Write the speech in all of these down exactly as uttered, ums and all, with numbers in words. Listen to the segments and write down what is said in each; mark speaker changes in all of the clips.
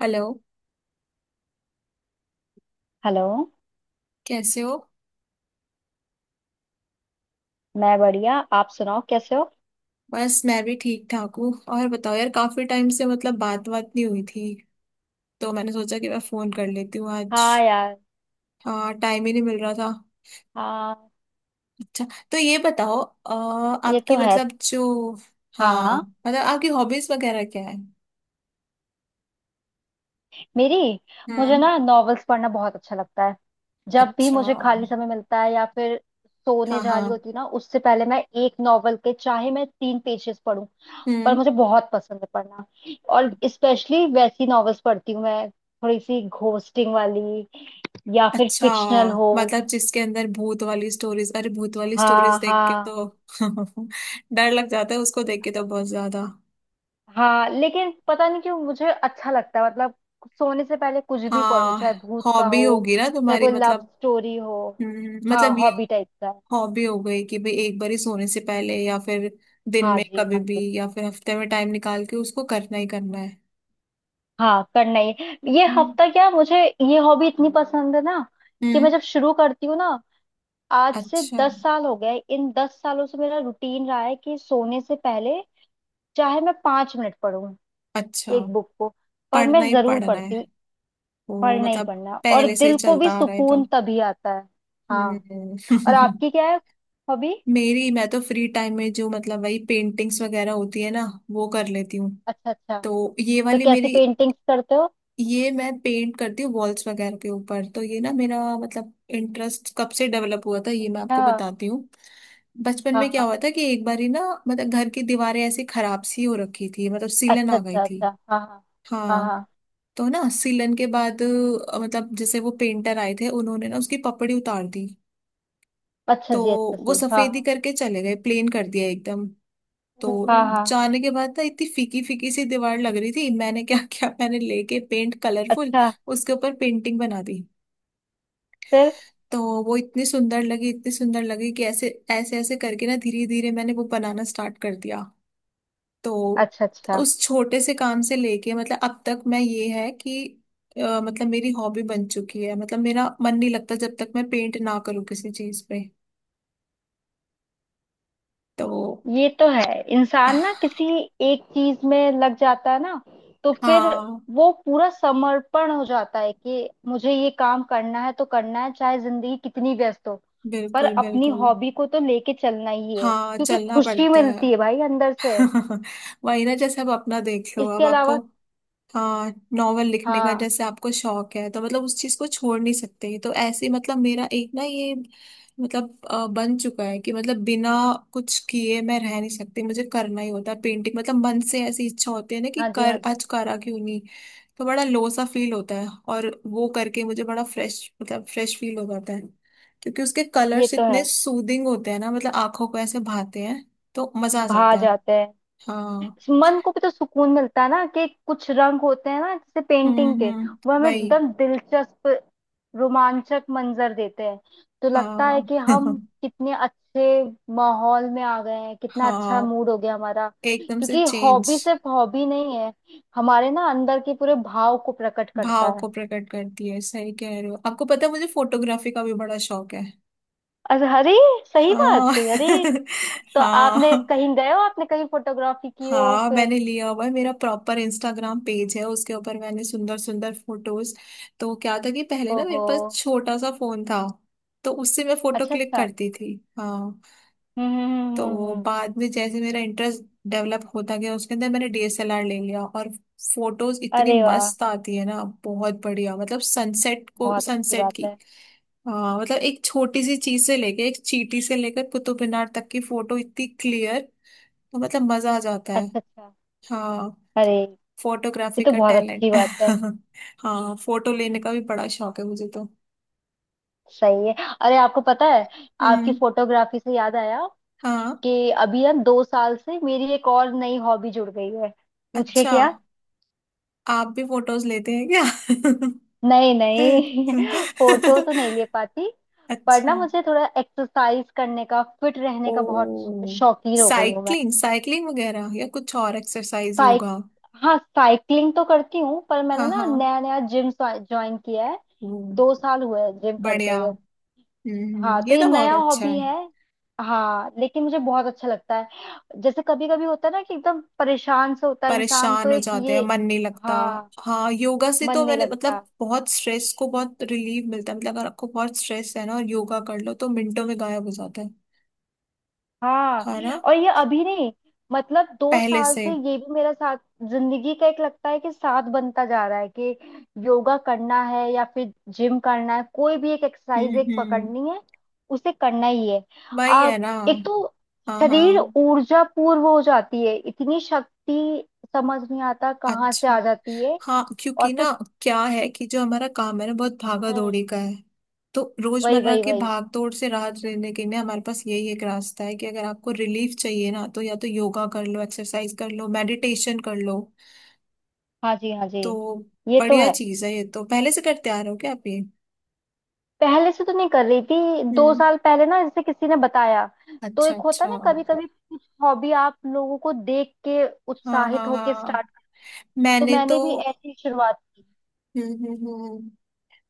Speaker 1: Hello.
Speaker 2: Hello.
Speaker 1: कैसे हो?
Speaker 2: मैं बढ़िया, आप सुनाओ कैसे हो।
Speaker 1: बस मैं भी ठीक ठाक हूँ। और बताओ यार, काफी टाइम से मतलब बात बात नहीं हुई थी, तो मैंने सोचा कि मैं फोन कर लेती हूँ आज।
Speaker 2: हाँ यार।
Speaker 1: हाँ, टाइम ही नहीं मिल रहा था।
Speaker 2: हाँ,
Speaker 1: अच्छा, तो ये बताओ अ,
Speaker 2: ये
Speaker 1: आपकी
Speaker 2: तो है।
Speaker 1: मतलब जो,
Speaker 2: हाँ
Speaker 1: हाँ,
Speaker 2: हाँ।
Speaker 1: मतलब आपकी हॉबीज वगैरह क्या है?
Speaker 2: मेरी, मुझे
Speaker 1: हम्म।
Speaker 2: ना नॉवेल्स पढ़ना बहुत अच्छा लगता है। जब भी
Speaker 1: अच्छा,
Speaker 2: मुझे खाली
Speaker 1: हाँ।
Speaker 2: समय मिलता है या फिर सोने जा रही
Speaker 1: हाँ।
Speaker 2: होती हूँ ना उससे पहले मैं एक नॉवेल के, चाहे मैं तीन पेजेस पढूं, पर
Speaker 1: हम्म।
Speaker 2: मुझे बहुत पसंद है पढ़ना। और स्पेशली वैसी नॉवेल्स पढ़ती हूँ मैं, थोड़ी सी घोस्टिंग वाली या फिर
Speaker 1: अच्छा,
Speaker 2: फिक्शनल हो।
Speaker 1: मतलब जिसके अंदर भूत वाली स्टोरीज। अरे, भूत वाली स्टोरीज
Speaker 2: हाँ
Speaker 1: देख के
Speaker 2: हाँ।
Speaker 1: तो डर लग जाता है, उसको देख के तो बहुत ज्यादा।
Speaker 2: हाँ लेकिन पता नहीं क्यों मुझे अच्छा लगता है। मतलब सोने से पहले कुछ भी पढ़ो,
Speaker 1: हाँ,
Speaker 2: चाहे भूत का
Speaker 1: हॉबी
Speaker 2: हो,
Speaker 1: होगी ना
Speaker 2: चाहे
Speaker 1: तुम्हारी
Speaker 2: कोई लव
Speaker 1: मतलब।
Speaker 2: स्टोरी हो।
Speaker 1: हम्म,
Speaker 2: हाँ
Speaker 1: मतलब ये
Speaker 2: हॉबी टाइप का है।
Speaker 1: हॉबी हो गई कि भाई एक बार ही सोने से पहले, या फिर दिन
Speaker 2: हाँ
Speaker 1: में
Speaker 2: जी
Speaker 1: कभी
Speaker 2: हाँ
Speaker 1: भी,
Speaker 2: जी।
Speaker 1: या फिर हफ्ते में टाइम निकाल के उसको करना ही करना है।
Speaker 2: हाँ, करना ही है। ये
Speaker 1: हम्म।
Speaker 2: हफ्ता क्या, मुझे ये हॉबी इतनी पसंद है ना कि
Speaker 1: हम्म,
Speaker 2: मैं जब शुरू करती हूँ ना, आज से
Speaker 1: अच्छा,
Speaker 2: दस साल हो गए। इन दस सालों से मेरा रूटीन रहा है कि सोने से पहले, चाहे मैं पांच मिनट पढूं
Speaker 1: अच्छा।
Speaker 2: एक बुक को, पर
Speaker 1: पढ़ना
Speaker 2: मैं
Speaker 1: ही
Speaker 2: जरूर
Speaker 1: पढ़ना
Speaker 2: पढ़ती
Speaker 1: है
Speaker 2: हूँ।
Speaker 1: वो
Speaker 2: पढ़ना ही
Speaker 1: मतलब,
Speaker 2: पढ़ना, और
Speaker 1: पहले से ही
Speaker 2: दिल को भी
Speaker 1: चलता आ रहा है
Speaker 2: सुकून
Speaker 1: तो।
Speaker 2: तभी आता है। हाँ।
Speaker 1: हम्म।
Speaker 2: और आपकी क्या है हॉबी।
Speaker 1: मेरी, मैं तो फ्री टाइम में जो मतलब वही पेंटिंग्स वगैरह होती है ना, वो कर लेती हूँ।
Speaker 2: अच्छा अच्छा,
Speaker 1: तो ये
Speaker 2: तो
Speaker 1: वाली
Speaker 2: कैसी
Speaker 1: मेरी,
Speaker 2: पेंटिंग्स करते हो।
Speaker 1: ये मैं पेंट करती हूँ वॉल्स वगैरह के ऊपर। तो ये ना मेरा मतलब इंटरेस्ट कब से डेवलप हुआ था ये मैं आपको
Speaker 2: अच्छा।
Speaker 1: बताती हूँ। बचपन
Speaker 2: हाँ
Speaker 1: में क्या
Speaker 2: हाँ।
Speaker 1: हुआ था कि एक बारी ना, मतलब घर की दीवारें ऐसी खराब सी हो रखी थी, मतलब सीलन
Speaker 2: अच्छा
Speaker 1: आ गई
Speaker 2: अच्छा अच्छा,
Speaker 1: थी।
Speaker 2: हाँ हाँ। हाँ
Speaker 1: हाँ,
Speaker 2: हाँ।
Speaker 1: तो ना सीलन के बाद अ, मतलब जैसे वो पेंटर आए थे, उन्होंने ना उसकी पपड़ी उतार दी।
Speaker 2: अच्छा
Speaker 1: तो
Speaker 2: जी अच्छा
Speaker 1: वो
Speaker 2: जी, हाँ
Speaker 1: सफेदी
Speaker 2: हाँ।
Speaker 1: करके चले गए, प्लेन कर दिया एकदम।
Speaker 2: हाँ,
Speaker 1: तो
Speaker 2: हम्म, हाँ।
Speaker 1: जाने के बाद ना इतनी फीकी फीकी सी दीवार लग रही थी। मैंने क्या क्या मैंने लेके पेंट कलरफुल,
Speaker 2: अच्छा।
Speaker 1: उसके ऊपर पेंटिंग बना दी।
Speaker 2: फिर।
Speaker 1: तो वो इतनी सुंदर लगी, इतनी सुंदर लगी कि ऐसे ऐसे ऐसे करके ना धीरे धीरे मैंने वो बनाना स्टार्ट कर दिया। तो
Speaker 2: अच्छा अच्छा।
Speaker 1: उस छोटे से काम से लेके मतलब अब तक मैं, ये है कि अ, मतलब मेरी हॉबी बन चुकी है। मतलब मेरा मन नहीं लगता जब तक मैं पेंट ना करूँ किसी चीज पे। तो
Speaker 2: ये तो है। इंसान ना किसी एक चीज में लग जाता है ना, तो फिर
Speaker 1: हाँ,
Speaker 2: वो पूरा समर्पण हो जाता है कि मुझे ये काम करना है तो करना है, चाहे जिंदगी कितनी व्यस्त हो। पर
Speaker 1: बिल्कुल,
Speaker 2: अपनी
Speaker 1: बिल्कुल।
Speaker 2: हॉबी को तो लेके चलना ही है,
Speaker 1: हाँ,
Speaker 2: क्योंकि
Speaker 1: चलना
Speaker 2: खुशी
Speaker 1: पड़ता है।
Speaker 2: मिलती है भाई अंदर से।
Speaker 1: वही ना, जैसे अब अपना देख लो,
Speaker 2: इसके
Speaker 1: अब आपको,
Speaker 2: अलावा।
Speaker 1: हाँ, नॉवल लिखने का
Speaker 2: हाँ।
Speaker 1: जैसे आपको शौक है, तो मतलब उस चीज को छोड़ नहीं सकते। तो ऐसे ही मतलब मेरा एक ना ये, मतलब अ, बन चुका है कि मतलब बिना कुछ किए मैं रह नहीं सकती, मुझे करना ही होता है पेंटिंग। मतलब मन से ऐसी इच्छा होती है ना कि
Speaker 2: हाँ जी हाँ
Speaker 1: कर,
Speaker 2: जी।
Speaker 1: आज करा क्यों नहीं। तो बड़ा लो सा फील होता है, और वो करके मुझे बड़ा फ्रेश, मतलब फ्रेश फील हो जाता है। क्योंकि उसके
Speaker 2: ये
Speaker 1: कलर्स
Speaker 2: तो
Speaker 1: इतने
Speaker 2: है।
Speaker 1: सूदिंग होते हैं ना, मतलब आंखों को ऐसे भाते हैं, तो मजा आ
Speaker 2: भा
Speaker 1: जाता है।
Speaker 2: जाते हैं।
Speaker 1: हाँ।
Speaker 2: मन को भी तो सुकून मिलता है ना, कि कुछ रंग होते हैं ना जैसे
Speaker 1: हम्म,
Speaker 2: पेंटिंग के,
Speaker 1: हम्म।
Speaker 2: वो हमें
Speaker 1: वही।
Speaker 2: एकदम दिलचस्प रोमांचक मंजर देते हैं। तो लगता है
Speaker 1: हाँ।
Speaker 2: कि हम कितने अच्छे माहौल में आ गए हैं, कितना अच्छा
Speaker 1: हाँ,
Speaker 2: मूड हो गया हमारा।
Speaker 1: एकदम से
Speaker 2: क्योंकि
Speaker 1: चेंज।
Speaker 2: हॉबी सिर्फ हॉबी नहीं है, हमारे ना अंदर के पूरे भाव को प्रकट
Speaker 1: भाव
Speaker 2: करता है।
Speaker 1: को प्रकट करती है, सही कह रहे हो। आपको पता है, मुझे फोटोग्राफी का भी बड़ा शौक है।
Speaker 2: अरे अरे, सही
Speaker 1: हाँ।
Speaker 2: बात, अरे। तो आपने
Speaker 1: हाँ,
Speaker 2: कहीं गए हो, आपने कहीं फोटोग्राफी की हो
Speaker 1: हाँ,
Speaker 2: फिर।
Speaker 1: मैंने लिया हुआ है। मेरा प्रॉपर इंस्टाग्राम पेज है, उसके ऊपर मैंने सुंदर सुंदर फोटोज। तो क्या था कि पहले ना मेरे
Speaker 2: ओहो।
Speaker 1: पास छोटा सा फोन था, तो उससे मैं फोटो
Speaker 2: अच्छा
Speaker 1: क्लिक
Speaker 2: अच्छा।
Speaker 1: करती थी। हाँ,
Speaker 2: हम्म हम्म हम्म
Speaker 1: तो
Speaker 2: हम्म।
Speaker 1: बाद में जैसे मेरा इंटरेस्ट डेवलप होता गया, उसके अंदर मैंने डीएसएलआर ले लिया। और फोटोज इतनी
Speaker 2: अरे वाह,
Speaker 1: मस्त आती है ना, बहुत बढ़िया। मतलब सनसेट को,
Speaker 2: बहुत अच्छी
Speaker 1: सनसेट
Speaker 2: बात
Speaker 1: की
Speaker 2: है।
Speaker 1: आ, मतलब एक छोटी सी चीज से लेके, एक चींटी से लेकर कुतुब मीनार तक की फोटो इतनी क्लियर, तो मतलब मजा आ जाता है।
Speaker 2: अच्छा अच्छा।
Speaker 1: हाँ,
Speaker 2: अरे, ये
Speaker 1: फोटोग्राफी
Speaker 2: तो
Speaker 1: का
Speaker 2: बहुत
Speaker 1: टैलेंट।
Speaker 2: अच्छी बात है।
Speaker 1: हाँ, फोटो लेने का भी बड़ा शौक है मुझे तो।
Speaker 2: सही है। अरे आपको पता है, आपकी
Speaker 1: हम्म।
Speaker 2: फोटोग्राफी से याद आया
Speaker 1: हाँ,
Speaker 2: कि अभी ना दो साल से मेरी एक और नई हॉबी जुड़ गई है। पूछे
Speaker 1: अच्छा,
Speaker 2: क्या।
Speaker 1: आप भी फोटोज लेते हैं क्या?
Speaker 2: नहीं नहीं, फोटो तो नहीं ले पाती। पर
Speaker 1: अच्छा,
Speaker 2: ना मुझे थोड़ा एक्सरसाइज करने का, फिट रहने
Speaker 1: ओ,
Speaker 2: का बहुत शौकीन हो गई हूँ मैं।
Speaker 1: साइकिलिंग साइकिलिंग वगैरह या कुछ और एक्सरसाइज
Speaker 2: साइक
Speaker 1: योगा?
Speaker 2: हाँ साइकिलिंग तो करती हूँ, पर
Speaker 1: हाँ,
Speaker 2: मैंने ना
Speaker 1: हाँ
Speaker 2: नया नया जिम ज्वाइन किया है।
Speaker 1: वो,
Speaker 2: दो साल हुए हैं जिम करते
Speaker 1: बढ़िया।
Speaker 2: हुए।
Speaker 1: हम्म,
Speaker 2: हाँ, तो
Speaker 1: ये
Speaker 2: ये
Speaker 1: तो बहुत
Speaker 2: नया
Speaker 1: अच्छा
Speaker 2: हॉबी
Speaker 1: है।
Speaker 2: है। हाँ लेकिन मुझे बहुत अच्छा लगता है। जैसे कभी कभी होता है ना कि एकदम परेशान से होता है इंसान, तो
Speaker 1: परेशान हो
Speaker 2: एक
Speaker 1: जाते हैं,
Speaker 2: ये।
Speaker 1: मन नहीं लगता।
Speaker 2: हाँ,
Speaker 1: हाँ, योगा से
Speaker 2: मन
Speaker 1: तो
Speaker 2: नहीं
Speaker 1: मैंने
Speaker 2: लगता।
Speaker 1: मतलब बहुत स्ट्रेस को, बहुत रिलीफ मिलता है। मतलब अगर आपको बहुत स्ट्रेस है ना, और योगा कर लो, तो मिनटों में गायब हो जाता है
Speaker 2: हाँ।
Speaker 1: है ना?
Speaker 2: और ये अभी नहीं, मतलब दो
Speaker 1: पहले
Speaker 2: साल
Speaker 1: से।
Speaker 2: से ये भी मेरा साथ, जिंदगी का एक लगता है कि साथ बनता जा रहा है, कि योगा करना है या फिर जिम करना है, कोई भी एक
Speaker 1: हम्म,
Speaker 2: एक्सरसाइज एक
Speaker 1: हम्म।
Speaker 2: पकड़नी है, उसे करना ही है।
Speaker 1: वही है
Speaker 2: आप
Speaker 1: ना।
Speaker 2: एक तो
Speaker 1: हाँ,
Speaker 2: शरीर
Speaker 1: हाँ।
Speaker 2: ऊर्जा पूर्व हो जाती है, इतनी शक्ति समझ नहीं आता कहाँ से
Speaker 1: अच्छा,
Speaker 2: आ जाती है।
Speaker 1: हाँ
Speaker 2: और
Speaker 1: क्योंकि
Speaker 2: फिर।
Speaker 1: ना, क्या है कि जो हमारा काम है ना, बहुत भागा
Speaker 2: हम्म।
Speaker 1: दौड़ी का है। तो
Speaker 2: वही
Speaker 1: रोजमर्रा
Speaker 2: वही
Speaker 1: की
Speaker 2: वही।
Speaker 1: भाग दौड़ से राहत लेने के लिए हमारे पास यही एक रास्ता है कि अगर आपको रिलीफ चाहिए ना, तो या तो योगा कर लो, एक्सरसाइज कर लो, मेडिटेशन कर लो।
Speaker 2: हाँ जी हाँ जी।
Speaker 1: तो
Speaker 2: ये तो
Speaker 1: बढ़िया
Speaker 2: है।
Speaker 1: चीज है ये तो। पहले से करते आ रहे हो क्या आप ये?
Speaker 2: पहले से तो नहीं कर रही थी, दो
Speaker 1: हम्म।
Speaker 2: साल पहले ना जैसे किसी ने बताया। तो
Speaker 1: अच्छा,
Speaker 2: एक होता
Speaker 1: अच्छा।
Speaker 2: ना, कभी कभी हॉबी आप लोगों को देख के
Speaker 1: हाँ,
Speaker 2: उत्साहित
Speaker 1: हाँ,
Speaker 2: होके
Speaker 1: हाँ,
Speaker 2: स्टार्ट, तो
Speaker 1: मैंने तो
Speaker 2: मैंने भी ऐसी ही शुरुआत की।
Speaker 1: हम्म, हम्म, हम्म, हम्म।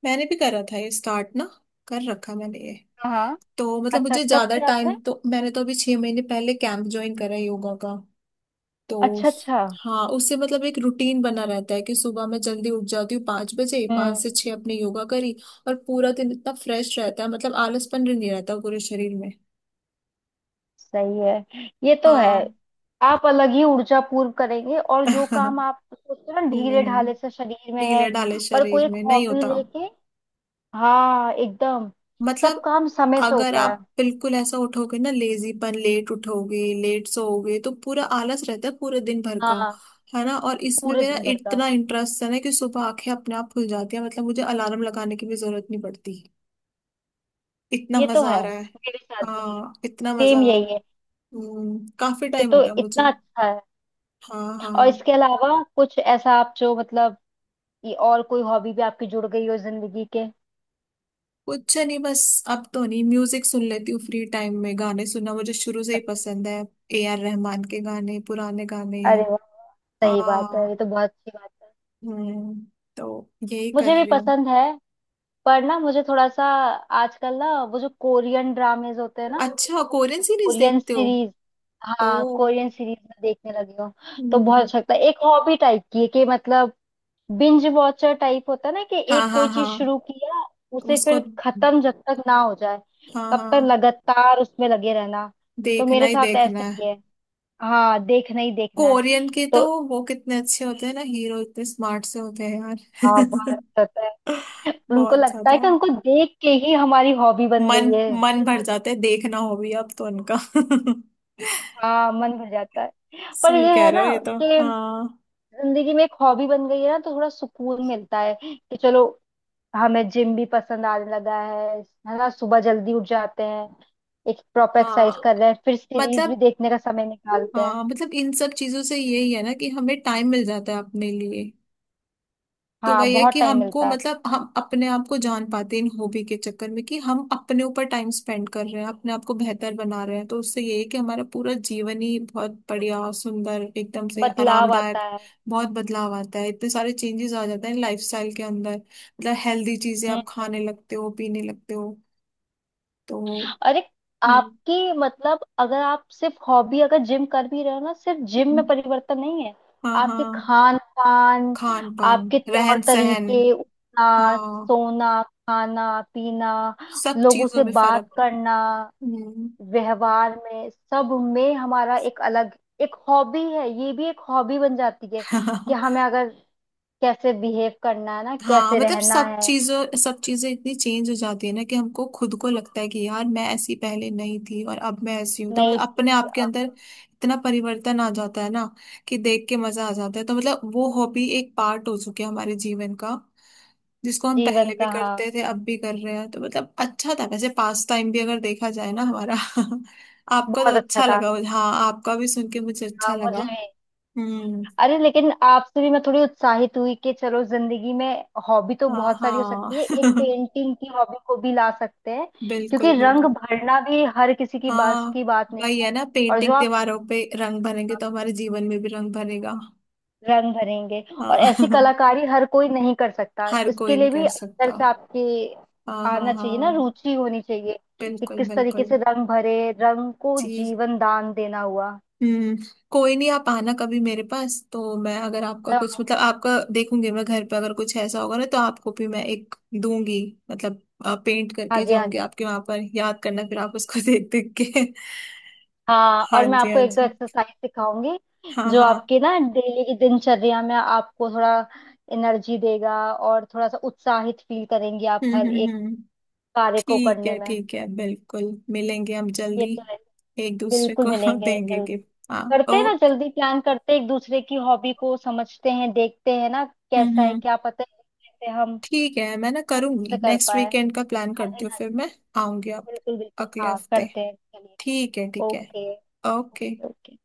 Speaker 1: मैंने भी करा था ये स्टार्ट ना, कर रखा मैंने ये।
Speaker 2: हाँ।
Speaker 1: तो मतलब
Speaker 2: अच्छा
Speaker 1: मुझे
Speaker 2: कब
Speaker 1: ज्यादा
Speaker 2: किया
Speaker 1: टाइम,
Speaker 2: आपने।
Speaker 1: तो मैंने तो अभी छह महीने पहले कैंप ज्वाइन करा है योगा का। तो
Speaker 2: अच्छा अच्छा।
Speaker 1: हाँ, उससे मतलब एक रूटीन बना रहता है कि सुबह मैं जल्दी उठ जाती हूँ पाँच बजे, पाँच
Speaker 2: हम्म।
Speaker 1: से छह अपने योगा करी। और पूरा दिन इतना फ्रेश रहता है, मतलब आलसपन भी नहीं रहता पूरे शरीर में।
Speaker 2: सही है। ये तो है।
Speaker 1: हाँ।
Speaker 2: आप अलग ही ऊर्जा पूर्व करेंगे, और जो काम आप सोचते हो ना ढीले
Speaker 1: हम्म,
Speaker 2: ढाले से शरीर में है,
Speaker 1: ढीले ढाले
Speaker 2: पर कोई
Speaker 1: शरीर
Speaker 2: एक
Speaker 1: में नहीं
Speaker 2: हॉबी
Speaker 1: होता।
Speaker 2: लेके। हाँ एकदम। सब
Speaker 1: मतलब
Speaker 2: काम समय से
Speaker 1: अगर
Speaker 2: होता है।
Speaker 1: आप बिल्कुल ऐसा उठोगे ना, लेजीपन, लेट उठोगे, लेट सोओगे, तो पूरा आलस रहता है पूरे दिन भर का।
Speaker 2: हाँ
Speaker 1: है ना, और इसमें
Speaker 2: पूरे
Speaker 1: मेरा
Speaker 2: दिन भर का।
Speaker 1: इतना इंटरेस्ट है ना कि सुबह आंखें अपने आप खुल जाती है। मतलब मुझे अलार्म लगाने की भी जरूरत नहीं पड़ती, इतना
Speaker 2: ये तो
Speaker 1: मजा आ
Speaker 2: है,
Speaker 1: रहा है।
Speaker 2: मेरे साथ भी है।
Speaker 1: हाँ, इतना मजा
Speaker 2: सेम
Speaker 1: आ रहा है।
Speaker 2: यही है।
Speaker 1: हम्म, काफी
Speaker 2: ये
Speaker 1: टाइम हो
Speaker 2: तो
Speaker 1: गया मुझे।
Speaker 2: इतना अच्छा है।
Speaker 1: हाँ, हाँ।
Speaker 2: और इसके अलावा कुछ ऐसा आप जो, मतलब ये और कोई हॉबी भी आपकी जुड़ गई हो जिंदगी के।
Speaker 1: कुछ नहीं, बस अब तो नहीं, म्यूजिक सुन लेती हूँ फ्री टाइम में। गाने सुनना मुझे शुरू से ही
Speaker 2: अच्छा।
Speaker 1: पसंद है। A R रहमान के गाने, पुराने गाने।
Speaker 2: अरे वाह, सही बात है, ये
Speaker 1: हाँ।
Speaker 2: तो बहुत अच्छी बात है।
Speaker 1: हम्म, तो यही कर
Speaker 2: मुझे भी
Speaker 1: रही हूँ।
Speaker 2: पसंद है। पर ना मुझे थोड़ा सा आजकल ना वो जो कोरियन ड्रामेज होते हैं ना,
Speaker 1: अच्छा, कोरियन
Speaker 2: तो
Speaker 1: सीरीज
Speaker 2: कोरियन
Speaker 1: देखते हो?
Speaker 2: सीरीज, हाँ
Speaker 1: ओ।
Speaker 2: कोरियन सीरीज में देखने लगी हूँ। तो बहुत
Speaker 1: हम्म,
Speaker 2: अच्छा लगता है, एक हॉबी टाइप की है कि मतलब बिंज वॉचर टाइप होता है ना कि
Speaker 1: हाँ,
Speaker 2: एक
Speaker 1: हाँ,
Speaker 2: कोई
Speaker 1: हाँ।
Speaker 2: चीज शुरू किया उसे
Speaker 1: उसको,
Speaker 2: फिर खत्म जब तक ना हो जाए
Speaker 1: हाँ,
Speaker 2: तब तक
Speaker 1: हाँ,
Speaker 2: लगातार उसमें लगे रहना। तो
Speaker 1: देखना
Speaker 2: मेरे
Speaker 1: ही
Speaker 2: साथ
Speaker 1: देखना
Speaker 2: ऐसा ही
Speaker 1: है।
Speaker 2: है। हाँ देखना ही देखना है।
Speaker 1: कोरियन के तो
Speaker 2: तो
Speaker 1: वो कितने अच्छे होते हैं ना हीरो, इतने स्मार्ट से होते हैं
Speaker 2: हाँ
Speaker 1: यार।
Speaker 2: बात होता है, उनको
Speaker 1: बहुत
Speaker 2: लगता
Speaker 1: ज्यादा
Speaker 2: है कि उनको देख के ही हमारी हॉबी बन
Speaker 1: मन
Speaker 2: गई है।
Speaker 1: मन भर जाते हैं, देखना हो भी अब तो उनका।
Speaker 2: हाँ मन भर जाता है। पर
Speaker 1: सही
Speaker 2: ये
Speaker 1: कह
Speaker 2: है
Speaker 1: रहे
Speaker 2: ना,
Speaker 1: हो ये तो।
Speaker 2: कि
Speaker 1: हाँ,
Speaker 2: जिंदगी में एक हॉबी बन गई है ना तो थोड़ा सुकून मिलता है कि चलो हमें जिम भी पसंद आने लगा है है ना। सुबह जल्दी उठ जाते हैं, एक प्रॉपर एक्सरसाइज
Speaker 1: हाँ
Speaker 2: कर रहे हैं, फिर सीरीज
Speaker 1: मतलब,
Speaker 2: भी देखने का समय निकालते हैं।
Speaker 1: हाँ मतलब इन सब चीजों से यही है ना कि हमें टाइम मिल जाता है अपने लिए। तो
Speaker 2: हाँ
Speaker 1: वही है
Speaker 2: बहुत
Speaker 1: कि
Speaker 2: टाइम
Speaker 1: हमको
Speaker 2: मिलता है।
Speaker 1: मतलब हम अपने आप को जान पाते हैं इन हॉबी के चक्कर में, कि हम अपने ऊपर टाइम स्पेंड कर रहे हैं, अपने आप को बेहतर बना रहे हैं। तो उससे ये है कि हमारा पूरा जीवन ही बहुत बढ़िया, सुंदर, एकदम से
Speaker 2: बदलाव
Speaker 1: आरामदायक।
Speaker 2: आता है।
Speaker 1: बहुत बदलाव आता है, इतने सारे चेंजेस आ जाते हैं लाइफस्टाइल के अंदर। मतलब हेल्दी चीजें
Speaker 2: हम्म।
Speaker 1: आप खाने लगते हो, पीने लगते हो। तो
Speaker 2: और एक
Speaker 1: हम्म,
Speaker 2: आपकी, मतलब अगर आप सिर्फ हॉबी अगर जिम कर भी रहे हो ना, सिर्फ जिम में परिवर्तन नहीं है,
Speaker 1: हाँ,
Speaker 2: आपके
Speaker 1: हाँ।
Speaker 2: खान पान,
Speaker 1: खान पान,
Speaker 2: आपके तौर
Speaker 1: रहन सहन।
Speaker 2: तरीके, उठना,
Speaker 1: हाँ,
Speaker 2: सोना, खाना पीना,
Speaker 1: सब
Speaker 2: लोगों
Speaker 1: चीजों
Speaker 2: से
Speaker 1: में
Speaker 2: बात
Speaker 1: फर्क।
Speaker 2: करना,
Speaker 1: हम्म।
Speaker 2: व्यवहार में, सब में हमारा एक अलग, एक हॉबी है। ये भी एक हॉबी बन जाती है कि हमें अगर कैसे बिहेव करना है ना,
Speaker 1: हाँ
Speaker 2: कैसे
Speaker 1: मतलब
Speaker 2: रहना
Speaker 1: सब
Speaker 2: है।
Speaker 1: चीजों, सब चीजें इतनी चेंज हो जाती है ना कि हमको खुद को लगता है कि यार, मैं ऐसी पहले नहीं थी, और अब मैं ऐसी हूँ। तो मतलब
Speaker 2: नई चीज
Speaker 1: अपने आप के
Speaker 2: अ,
Speaker 1: अंदर इतना परिवर्तन आ जाता है ना कि देख के मजा आ जाता है। तो मतलब वो हॉबी एक पार्ट हो चुकी है हमारे जीवन का, जिसको हम
Speaker 2: जीवन
Speaker 1: पहले भी
Speaker 2: का। हाँ
Speaker 1: करते थे अब भी कर रहे हैं। तो मतलब अच्छा था, वैसे पास टाइम भी अगर देखा जाए ना हमारा। आपका तो
Speaker 2: बहुत अच्छा
Speaker 1: अच्छा
Speaker 2: था।
Speaker 1: लगा, हाँ, आपका भी सुन के मुझे
Speaker 2: हाँ
Speaker 1: अच्छा लगा।
Speaker 2: मुझे भी।
Speaker 1: हम्म।
Speaker 2: अरे लेकिन आपसे भी मैं थोड़ी उत्साहित हुई कि चलो जिंदगी में हॉबी तो
Speaker 1: हाँ,
Speaker 2: बहुत सारी हो
Speaker 1: हाँ।
Speaker 2: सकती है, एक पेंटिंग की हॉबी को भी ला सकते हैं। क्योंकि
Speaker 1: बिल्कुल,
Speaker 2: रंग
Speaker 1: बिल्कुल।
Speaker 2: भरना भी हर किसी की बस
Speaker 1: हाँ
Speaker 2: की बात नहीं
Speaker 1: वही
Speaker 2: है।
Speaker 1: है ना,
Speaker 2: और जो
Speaker 1: पेंटिंग,
Speaker 2: आप
Speaker 1: दीवारों पे रंग भरेंगे तो हमारे जीवन में भी रंग भरेगा।
Speaker 2: रंग भरेंगे, और ऐसी
Speaker 1: हाँ।
Speaker 2: कलाकारी हर कोई नहीं कर सकता,
Speaker 1: हर कोई
Speaker 2: इसके
Speaker 1: नहीं
Speaker 2: लिए
Speaker 1: कर
Speaker 2: भी अंदर
Speaker 1: सकता।
Speaker 2: से आपकी
Speaker 1: हाँ, हाँ,
Speaker 2: आना चाहिए ना,
Speaker 1: हाँ,
Speaker 2: रुचि होनी चाहिए कि
Speaker 1: बिल्कुल,
Speaker 2: किस तरीके
Speaker 1: बिल्कुल।
Speaker 2: से रंग भरे, रंग को
Speaker 1: जी।
Speaker 2: जीवन दान देना हुआ।
Speaker 1: हम्म। कोई नहीं, आप आना कभी मेरे पास, तो मैं अगर आपका
Speaker 2: मैं
Speaker 1: कुछ मतलब
Speaker 2: आऊंगी।
Speaker 1: आपका देखूंगी मैं घर पे, अगर कुछ ऐसा होगा ना तो आपको भी मैं एक दूंगी। मतलब पेंट
Speaker 2: हाँ
Speaker 1: करके
Speaker 2: जी हाँ
Speaker 1: जाऊंगी
Speaker 2: जी।
Speaker 1: आपके वहां पर, याद करना फिर आप उसको देख देख के।
Speaker 2: हाँ
Speaker 1: हाँ
Speaker 2: और मैं
Speaker 1: जी,
Speaker 2: आपको
Speaker 1: हाँ
Speaker 2: एक दो
Speaker 1: जी।
Speaker 2: एक्सरसाइज सिखाऊंगी,
Speaker 1: हाँ,
Speaker 2: जो
Speaker 1: हाँ।
Speaker 2: आपके ना डेली की दिनचर्या में आपको थोड़ा एनर्जी देगा और थोड़ा सा उत्साहित फील करेंगी आप
Speaker 1: हम्म,
Speaker 2: हर
Speaker 1: हम्म,
Speaker 2: एक
Speaker 1: हम्म।
Speaker 2: कार्य को
Speaker 1: ठीक
Speaker 2: करने
Speaker 1: है,
Speaker 2: में।
Speaker 1: ठीक है, बिल्कुल, मिलेंगे हम
Speaker 2: ये
Speaker 1: जल्दी,
Speaker 2: तो है।
Speaker 1: एक दूसरे
Speaker 2: बिल्कुल
Speaker 1: को
Speaker 2: मिलेंगे
Speaker 1: देंगे
Speaker 2: जल्दी,
Speaker 1: गिफ्ट। हाँ,
Speaker 2: करते हैं ना
Speaker 1: ओके।
Speaker 2: जल्दी प्लान करते हैं, एक दूसरे की हॉबी को समझते हैं, देखते हैं ना
Speaker 1: हम्म,
Speaker 2: कैसा है
Speaker 1: हम्म,
Speaker 2: क्या, पता है कैसे हम
Speaker 1: ठीक है, मैं ना
Speaker 2: अच्छे
Speaker 1: करूंगी
Speaker 2: से कर
Speaker 1: नेक्स्ट
Speaker 2: पाए।
Speaker 1: वीकेंड का प्लान
Speaker 2: हाँ जी
Speaker 1: करती हूँ,
Speaker 2: हाँ
Speaker 1: फिर
Speaker 2: जी।
Speaker 1: मैं आऊंगी आप।
Speaker 2: बिल्कुल बिल्कुल,
Speaker 1: अगले
Speaker 2: हाँ
Speaker 1: हफ्ते।
Speaker 2: करते हैं चलिए।
Speaker 1: ठीक है, ठीक है।
Speaker 2: Okay
Speaker 1: okay.
Speaker 2: Okay okay.